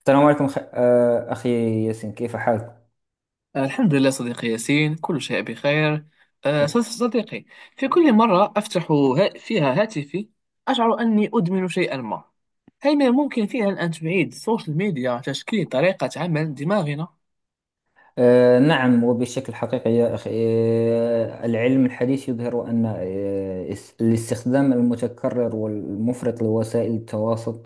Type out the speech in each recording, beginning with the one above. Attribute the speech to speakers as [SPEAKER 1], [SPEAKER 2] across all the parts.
[SPEAKER 1] السلام عليكم خ... آه، أخي ياسين كيف حالك؟
[SPEAKER 2] الحمد لله صديقي ياسين، كل شيء بخير. صديقي، في كل مرة أفتح فيها هاتفي أشعر أني أدمن شيئا ما. هل من الممكن فعلا أن تعيد السوشيال ميديا تشكيل طريقة عمل دماغنا؟
[SPEAKER 1] نعم وبشكل حقيقي يا أخي. العلم الحديث يظهر أن الاستخدام المتكرر والمفرط لوسائل التواصل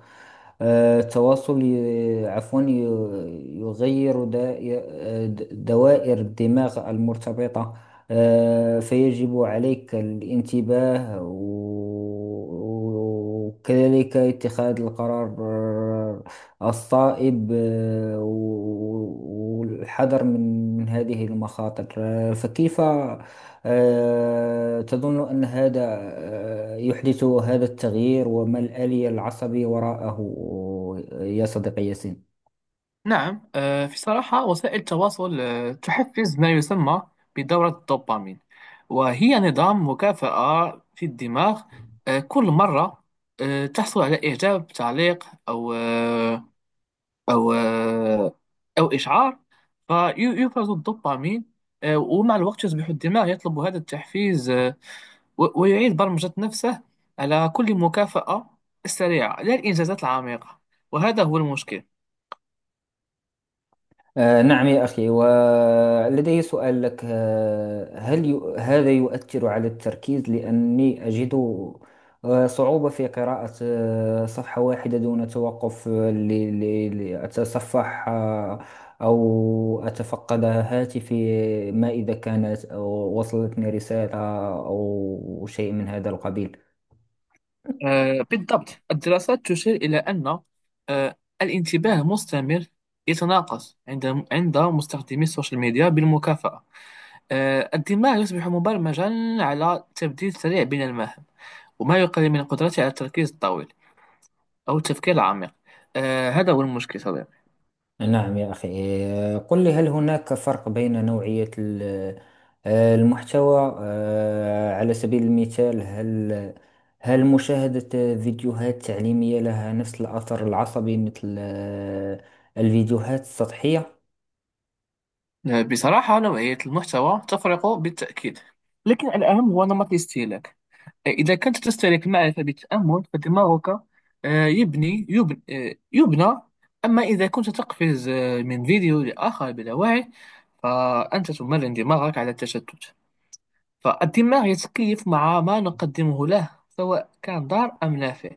[SPEAKER 1] آه، التواصل يغير دوائر الدماغ المرتبطة. فيجب عليك الانتباه وكذلك اتخاذ القرار الصائب، والحذر من هذه المخاطر. فكيف تظن أن هذا يحدث هذا التغيير، وما الآلية العصبية وراءه يا صديقي ياسين؟
[SPEAKER 2] نعم. في صراحة، وسائل التواصل تحفز ما يسمى بدورة الدوبامين، وهي نظام مكافأة في الدماغ. كل مرة تحصل على إعجاب، تعليق، أو آه، او آه، او اشعار، فيفرز الدوبامين. ومع الوقت يصبح الدماغ يطلب هذا التحفيز، ويعيد برمجة نفسه على كل مكافأة سريعة، لا الإنجازات العميقة. وهذا هو المشكل.
[SPEAKER 1] نعم يا أخي، ولدي سؤال لك. هذا يؤثر على التركيز، لأني أجد صعوبة في قراءة صفحة واحدة دون توقف، لأتصفح أو أتفقد هاتفي ما إذا كانت أو وصلتني رسالة أو شيء من هذا القبيل.
[SPEAKER 2] بالضبط، الدراسات تشير إلى أن آه، الانتباه المستمر يتناقص عند مستخدمي السوشيال ميديا بالمكافأة. الدماغ يصبح مبرمجا على تبديل سريع بين المهام، وما يقلل من قدرته على التركيز الطويل أو التفكير العميق. هذا هو المشكل صديقي.
[SPEAKER 1] نعم يا أخي. قل لي، هل هناك فرق بين نوعية المحتوى؟ على سبيل المثال، هل مشاهدة فيديوهات تعليمية لها نفس الأثر العصبي مثل الفيديوهات السطحية؟
[SPEAKER 2] بصراحة، نوعية المحتوى تفرق بالتأكيد، لكن الأهم هو نمط الاستهلاك. إذا كنت تستهلك المعرفة بالتأمل فدماغك آه يبني يبنى, آه يبنى. أما إذا كنت تقفز من فيديو لآخر بلا وعي، فأنت تمرن دماغك على التشتت. فالدماغ يتكيف مع ما نقدمه له، سواء كان ضار أم نافع.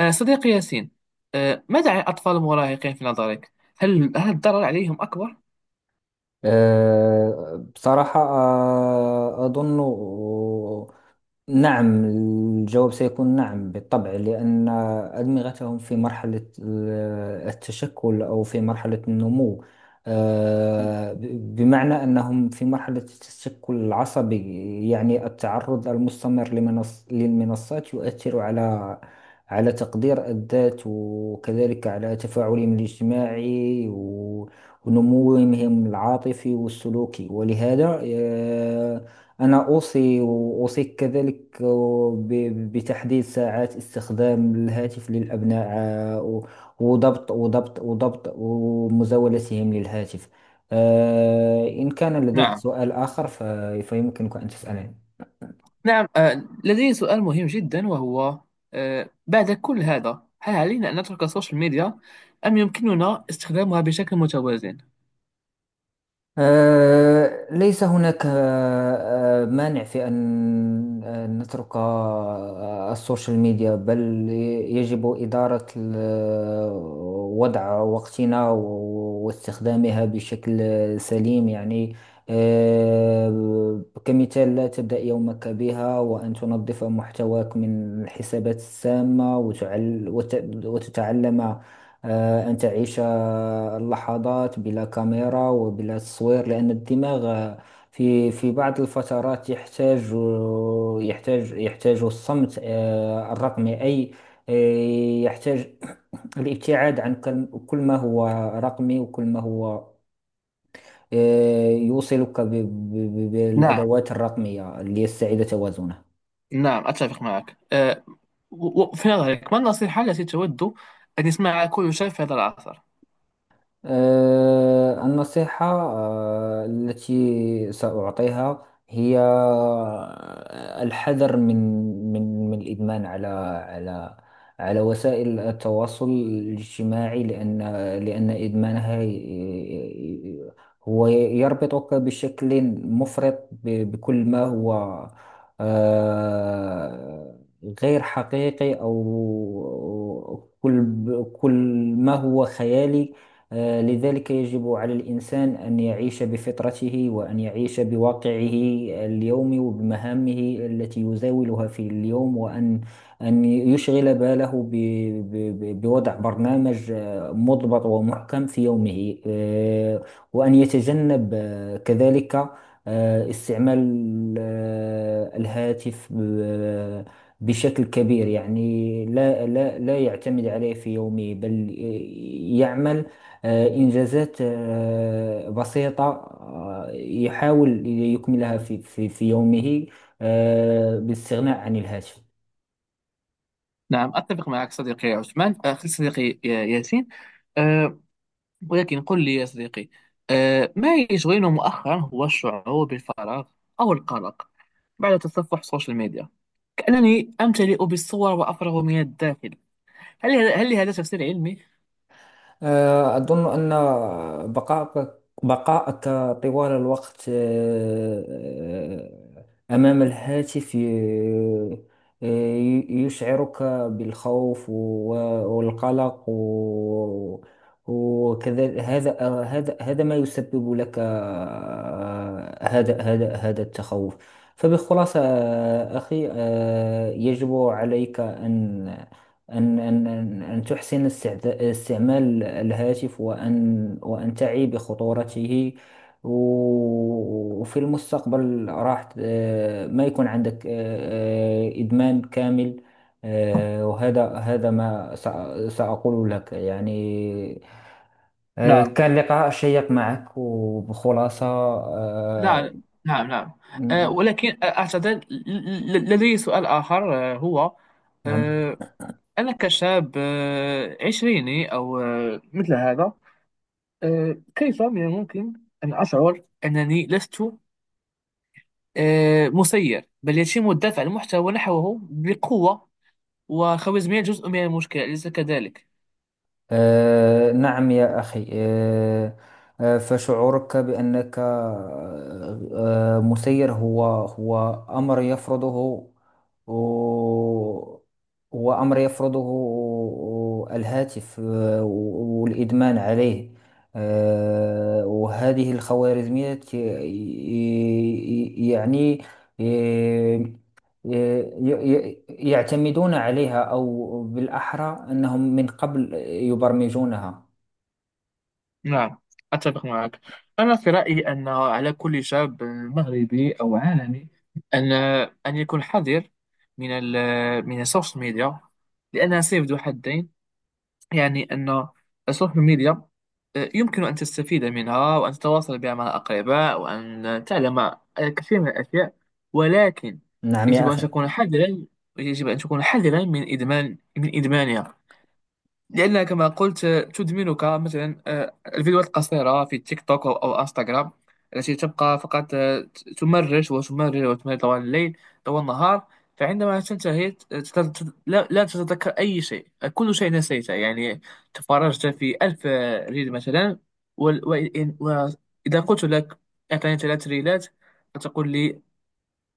[SPEAKER 2] صديقي ياسين، ماذا عن الأطفال المراهقين في نظرك؟ هل الضرر عليهم أكبر؟
[SPEAKER 1] بصراحة أظن نعم. الجواب سيكون نعم بالطبع، لأن أدمغتهم في التشكل أو في مرحلة النمو. بمعنى أنهم في مرحلة التشكل العصبي، يعني التعرض المستمر للمنصات يؤثر على تقدير الذات، وكذلك على تفاعلهم الاجتماعي ونموهم العاطفي والسلوكي. ولهذا أنا أوصي وأوصيك كذلك بتحديد ساعات استخدام الهاتف للأبناء، وضبط ومزاولتهم للهاتف. إن كان لديك
[SPEAKER 2] نعم.
[SPEAKER 1] سؤال آخر فيمكنك أن تسألني.
[SPEAKER 2] نعم، لدي سؤال مهم جدا، وهو: بعد كل هذا، هل علينا أن نترك السوشيال ميديا أم يمكننا استخدامها بشكل متوازن؟
[SPEAKER 1] ليس هناك مانع في أن نترك السوشيال ميديا، بل يجب إدارة وضع وقتنا واستخدامها بشكل سليم. يعني كمثال، لا تبدأ يومك بها، وأن تنظف محتواك من الحسابات السامة، وتتعلم أن تعيش اللحظات بلا كاميرا وبلا تصوير، لأن الدماغ في بعض الفترات يحتاج، يحتاج الصمت الرقمي. أي يحتاج الابتعاد عن كل ما هو رقمي، وكل ما هو يوصلك
[SPEAKER 2] نعم.
[SPEAKER 1] بالأدوات الرقمية، ليستعيد توازنه.
[SPEAKER 2] نعم، أتفق معك. في نظرك، ما النصيحة التي تود أن يسمعها كل شاب في هذا العصر؟
[SPEAKER 1] النصيحة التي سأعطيها هي الحذر من الإدمان على على وسائل التواصل الاجتماعي، لأن إدمانها هو يربطك بشكل مفرط بكل ما هو آه، غير حقيقي، أو كل ما هو خيالي. لذلك يجب على الإنسان أن يعيش بفطرته، وأن يعيش بواقعه اليومي وبمهامه التي يزاولها في اليوم، وأن يشغل باله بوضع برنامج مضبط ومحكم في يومه، وأن يتجنب كذلك استعمال الهاتف بشكل كبير. يعني لا يعتمد عليه في يومه، بل يعمل إنجازات بسيطة يحاول يكملها في يومه بالاستغناء عن الهاتف.
[SPEAKER 2] نعم، أتفق معك صديقي عثمان. صديقي ياسين، ولكن قل لي يا صديقي، ما يشغلنا مؤخرا هو الشعور بالفراغ أو القلق بعد تصفح السوشيال ميديا. كأنني أمتلئ بالصور وأفرغ من الداخل. هل لهذا تفسير علمي؟
[SPEAKER 1] أظن أن بقائك طوال الوقت أمام الهاتف يشعرك بالخوف والقلق وكذا. هذا ما يسبب لك آه، هذا هذا هذا التخوف. فبخلاصة أخي، يجب عليك أن تحسن استعمال الهاتف، وأن تعي بخطورته، وفي المستقبل راح ما يكون عندك إدمان كامل. وهذا ما سأقول لك. يعني
[SPEAKER 2] نعم.
[SPEAKER 1] كان لقاء شيق معك. وبخلاصة
[SPEAKER 2] لا. نعم، نعم.
[SPEAKER 1] م-
[SPEAKER 2] ولكن أعتقد لدي سؤال آخر، هو:
[SPEAKER 1] نعم.
[SPEAKER 2] آه، أنا كشاب عشريني أو مثل هذا، كيف من الممكن أن أشعر أنني لست مسير، بل يتم الدفع المحتوى ونحوه بقوة، وخوارزمية جزء من المشكلة، أليس كذلك؟
[SPEAKER 1] نعم يا أخي. فشعورك بأنك مسير، هو أمر يفرضه، هو أمر يفرضه الهاتف والإدمان عليه. وهذه الخوارزميات يعني آه، يعتمدون عليها، أو بالأحرى أنهم من قبل يبرمجونها.
[SPEAKER 2] نعم، أتفق معك. أنا في رأيي أن على كل شاب مغربي أو عالمي أن يكون حذر من ال من السوشيال ميديا، لأنها سيف ذو حدين. يعني أن السوشيال ميديا يمكن أن تستفيد منها، وأن تتواصل بها مع الأقرباء، وأن تعلم الكثير من الأشياء. ولكن
[SPEAKER 1] نعم
[SPEAKER 2] يجب
[SPEAKER 1] يا
[SPEAKER 2] أن
[SPEAKER 1] أخي،
[SPEAKER 2] تكون حذرا. يجب أن تكون حذرا من إدمان، إدمانها. لأن كما قلت، تدمنك مثلا الفيديوهات القصيرة في تيك توك أو انستغرام، التي تبقى فقط تمرر وتمرر وتمرر طوال الليل، طوال النهار. فعندما تنتهي، لا تتذكر أي شيء، كل شيء نسيته. يعني تفرجت في ألف ريل مثلا، وال- وإن- وإذا قلت لك أعطيني 3 ريلات، فتقول لي: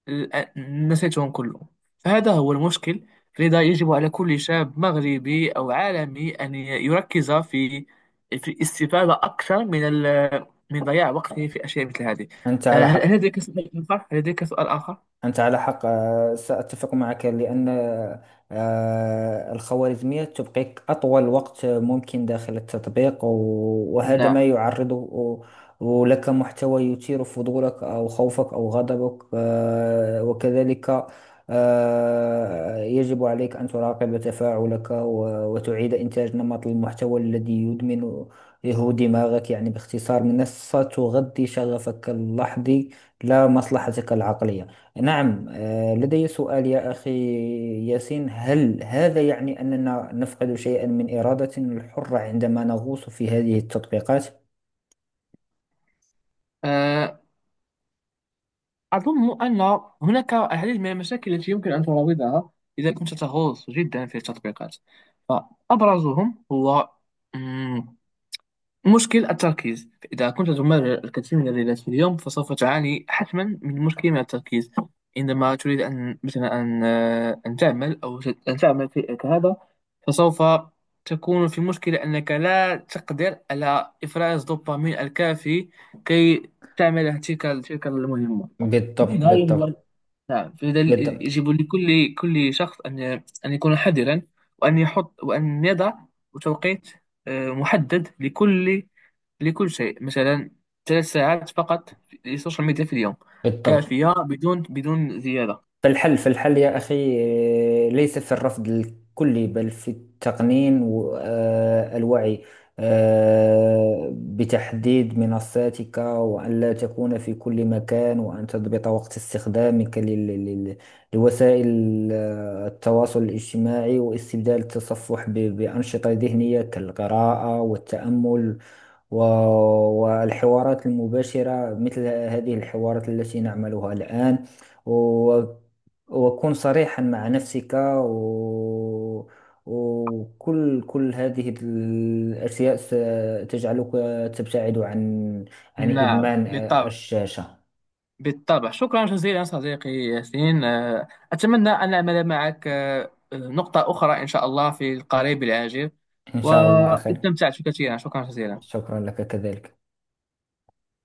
[SPEAKER 2] الآن نسيتهم كلهم. فهذا هو المشكل. لذا يجب على كل شاب مغربي أو عالمي أن يركز في الاستفادة أكثر من من ضياع وقته في أشياء مثل هذه.
[SPEAKER 1] أنت على
[SPEAKER 2] هل
[SPEAKER 1] حق.
[SPEAKER 2] هل لديك سؤال آخر؟ هل لديك سؤال آخر؟
[SPEAKER 1] أنت على حق. سأتفق معك، لأن الخوارزمية تبقيك أطول وقت ممكن داخل التطبيق، وهذا
[SPEAKER 2] نعم.
[SPEAKER 1] ما يعرضه لك محتوى يثير فضولك أو خوفك أو غضبك، وكذلك يجب عليك أن تراقب تفاعلك، وتعيد إنتاج نمط المحتوى الذي يدمن هو دماغك. يعني باختصار، منصة تغذي شغفك اللحظي لا مصلحتك العقلية. نعم لدي سؤال يا أخي ياسين. هذا يعني أننا نفقد شيئا من إرادتنا الحرة عندما نغوص في هذه التطبيقات؟
[SPEAKER 2] آه، أظن أن هناك العديد من المشاكل التي يمكن أن تراودها إذا كنت تغوص جدا في التطبيقات. فأبرزهم هو مشكل التركيز. إذا كنت تمارس الكثير من الرياضات في اليوم فسوف تعاني حتما من مشكل، التركيز عندما تريد أن مثلا أن أن تعمل، أن تعمل شيء كهذا. فسوف تكون في مشكلة، أنك لا تقدر على إفراز الدوبامين الكافي كي تعمل تلك المهمة.
[SPEAKER 1] بالضبط،
[SPEAKER 2] لذا يجب.
[SPEAKER 1] بالضبط.
[SPEAKER 2] نعم، فلذا
[SPEAKER 1] بالضبط.
[SPEAKER 2] يجب لكل شخص أن يكون حذرا، وأن يحط، وأن يضع توقيت محدد لكل شيء. مثلا 3 ساعات فقط للسوشيال ميديا في اليوم
[SPEAKER 1] بالضبط.
[SPEAKER 2] كافية، بدون زيادة.
[SPEAKER 1] فالحل يا أخي ليس في الرفض الكلي، بل في التقنين والوعي بتحديد منصاتك، وأن لا تكون في كل مكان، وأن تضبط وقت استخدامك لوسائل التواصل الاجتماعي، واستبدال التصفح بأنشطة ذهنية كالقراءة والتأمل و- والحوارات المباشرة مثل هذه الحوارات التي نعملها الآن، وأكون صريحا مع نفسك وكل هذه الأشياء ستجعلك تبتعد عن
[SPEAKER 2] نعم
[SPEAKER 1] إدمان
[SPEAKER 2] بالطبع.
[SPEAKER 1] الشاشة.
[SPEAKER 2] بالطبع، شكرا جزيلا صديقي ياسين. أتمنى أن أعمل معك نقطة أخرى إن شاء الله في القريب العاجل.
[SPEAKER 1] إن شاء الله أخي.
[SPEAKER 2] واستمتعت كثيرا، شكرا جزيلا.
[SPEAKER 1] شكرا لك كذلك.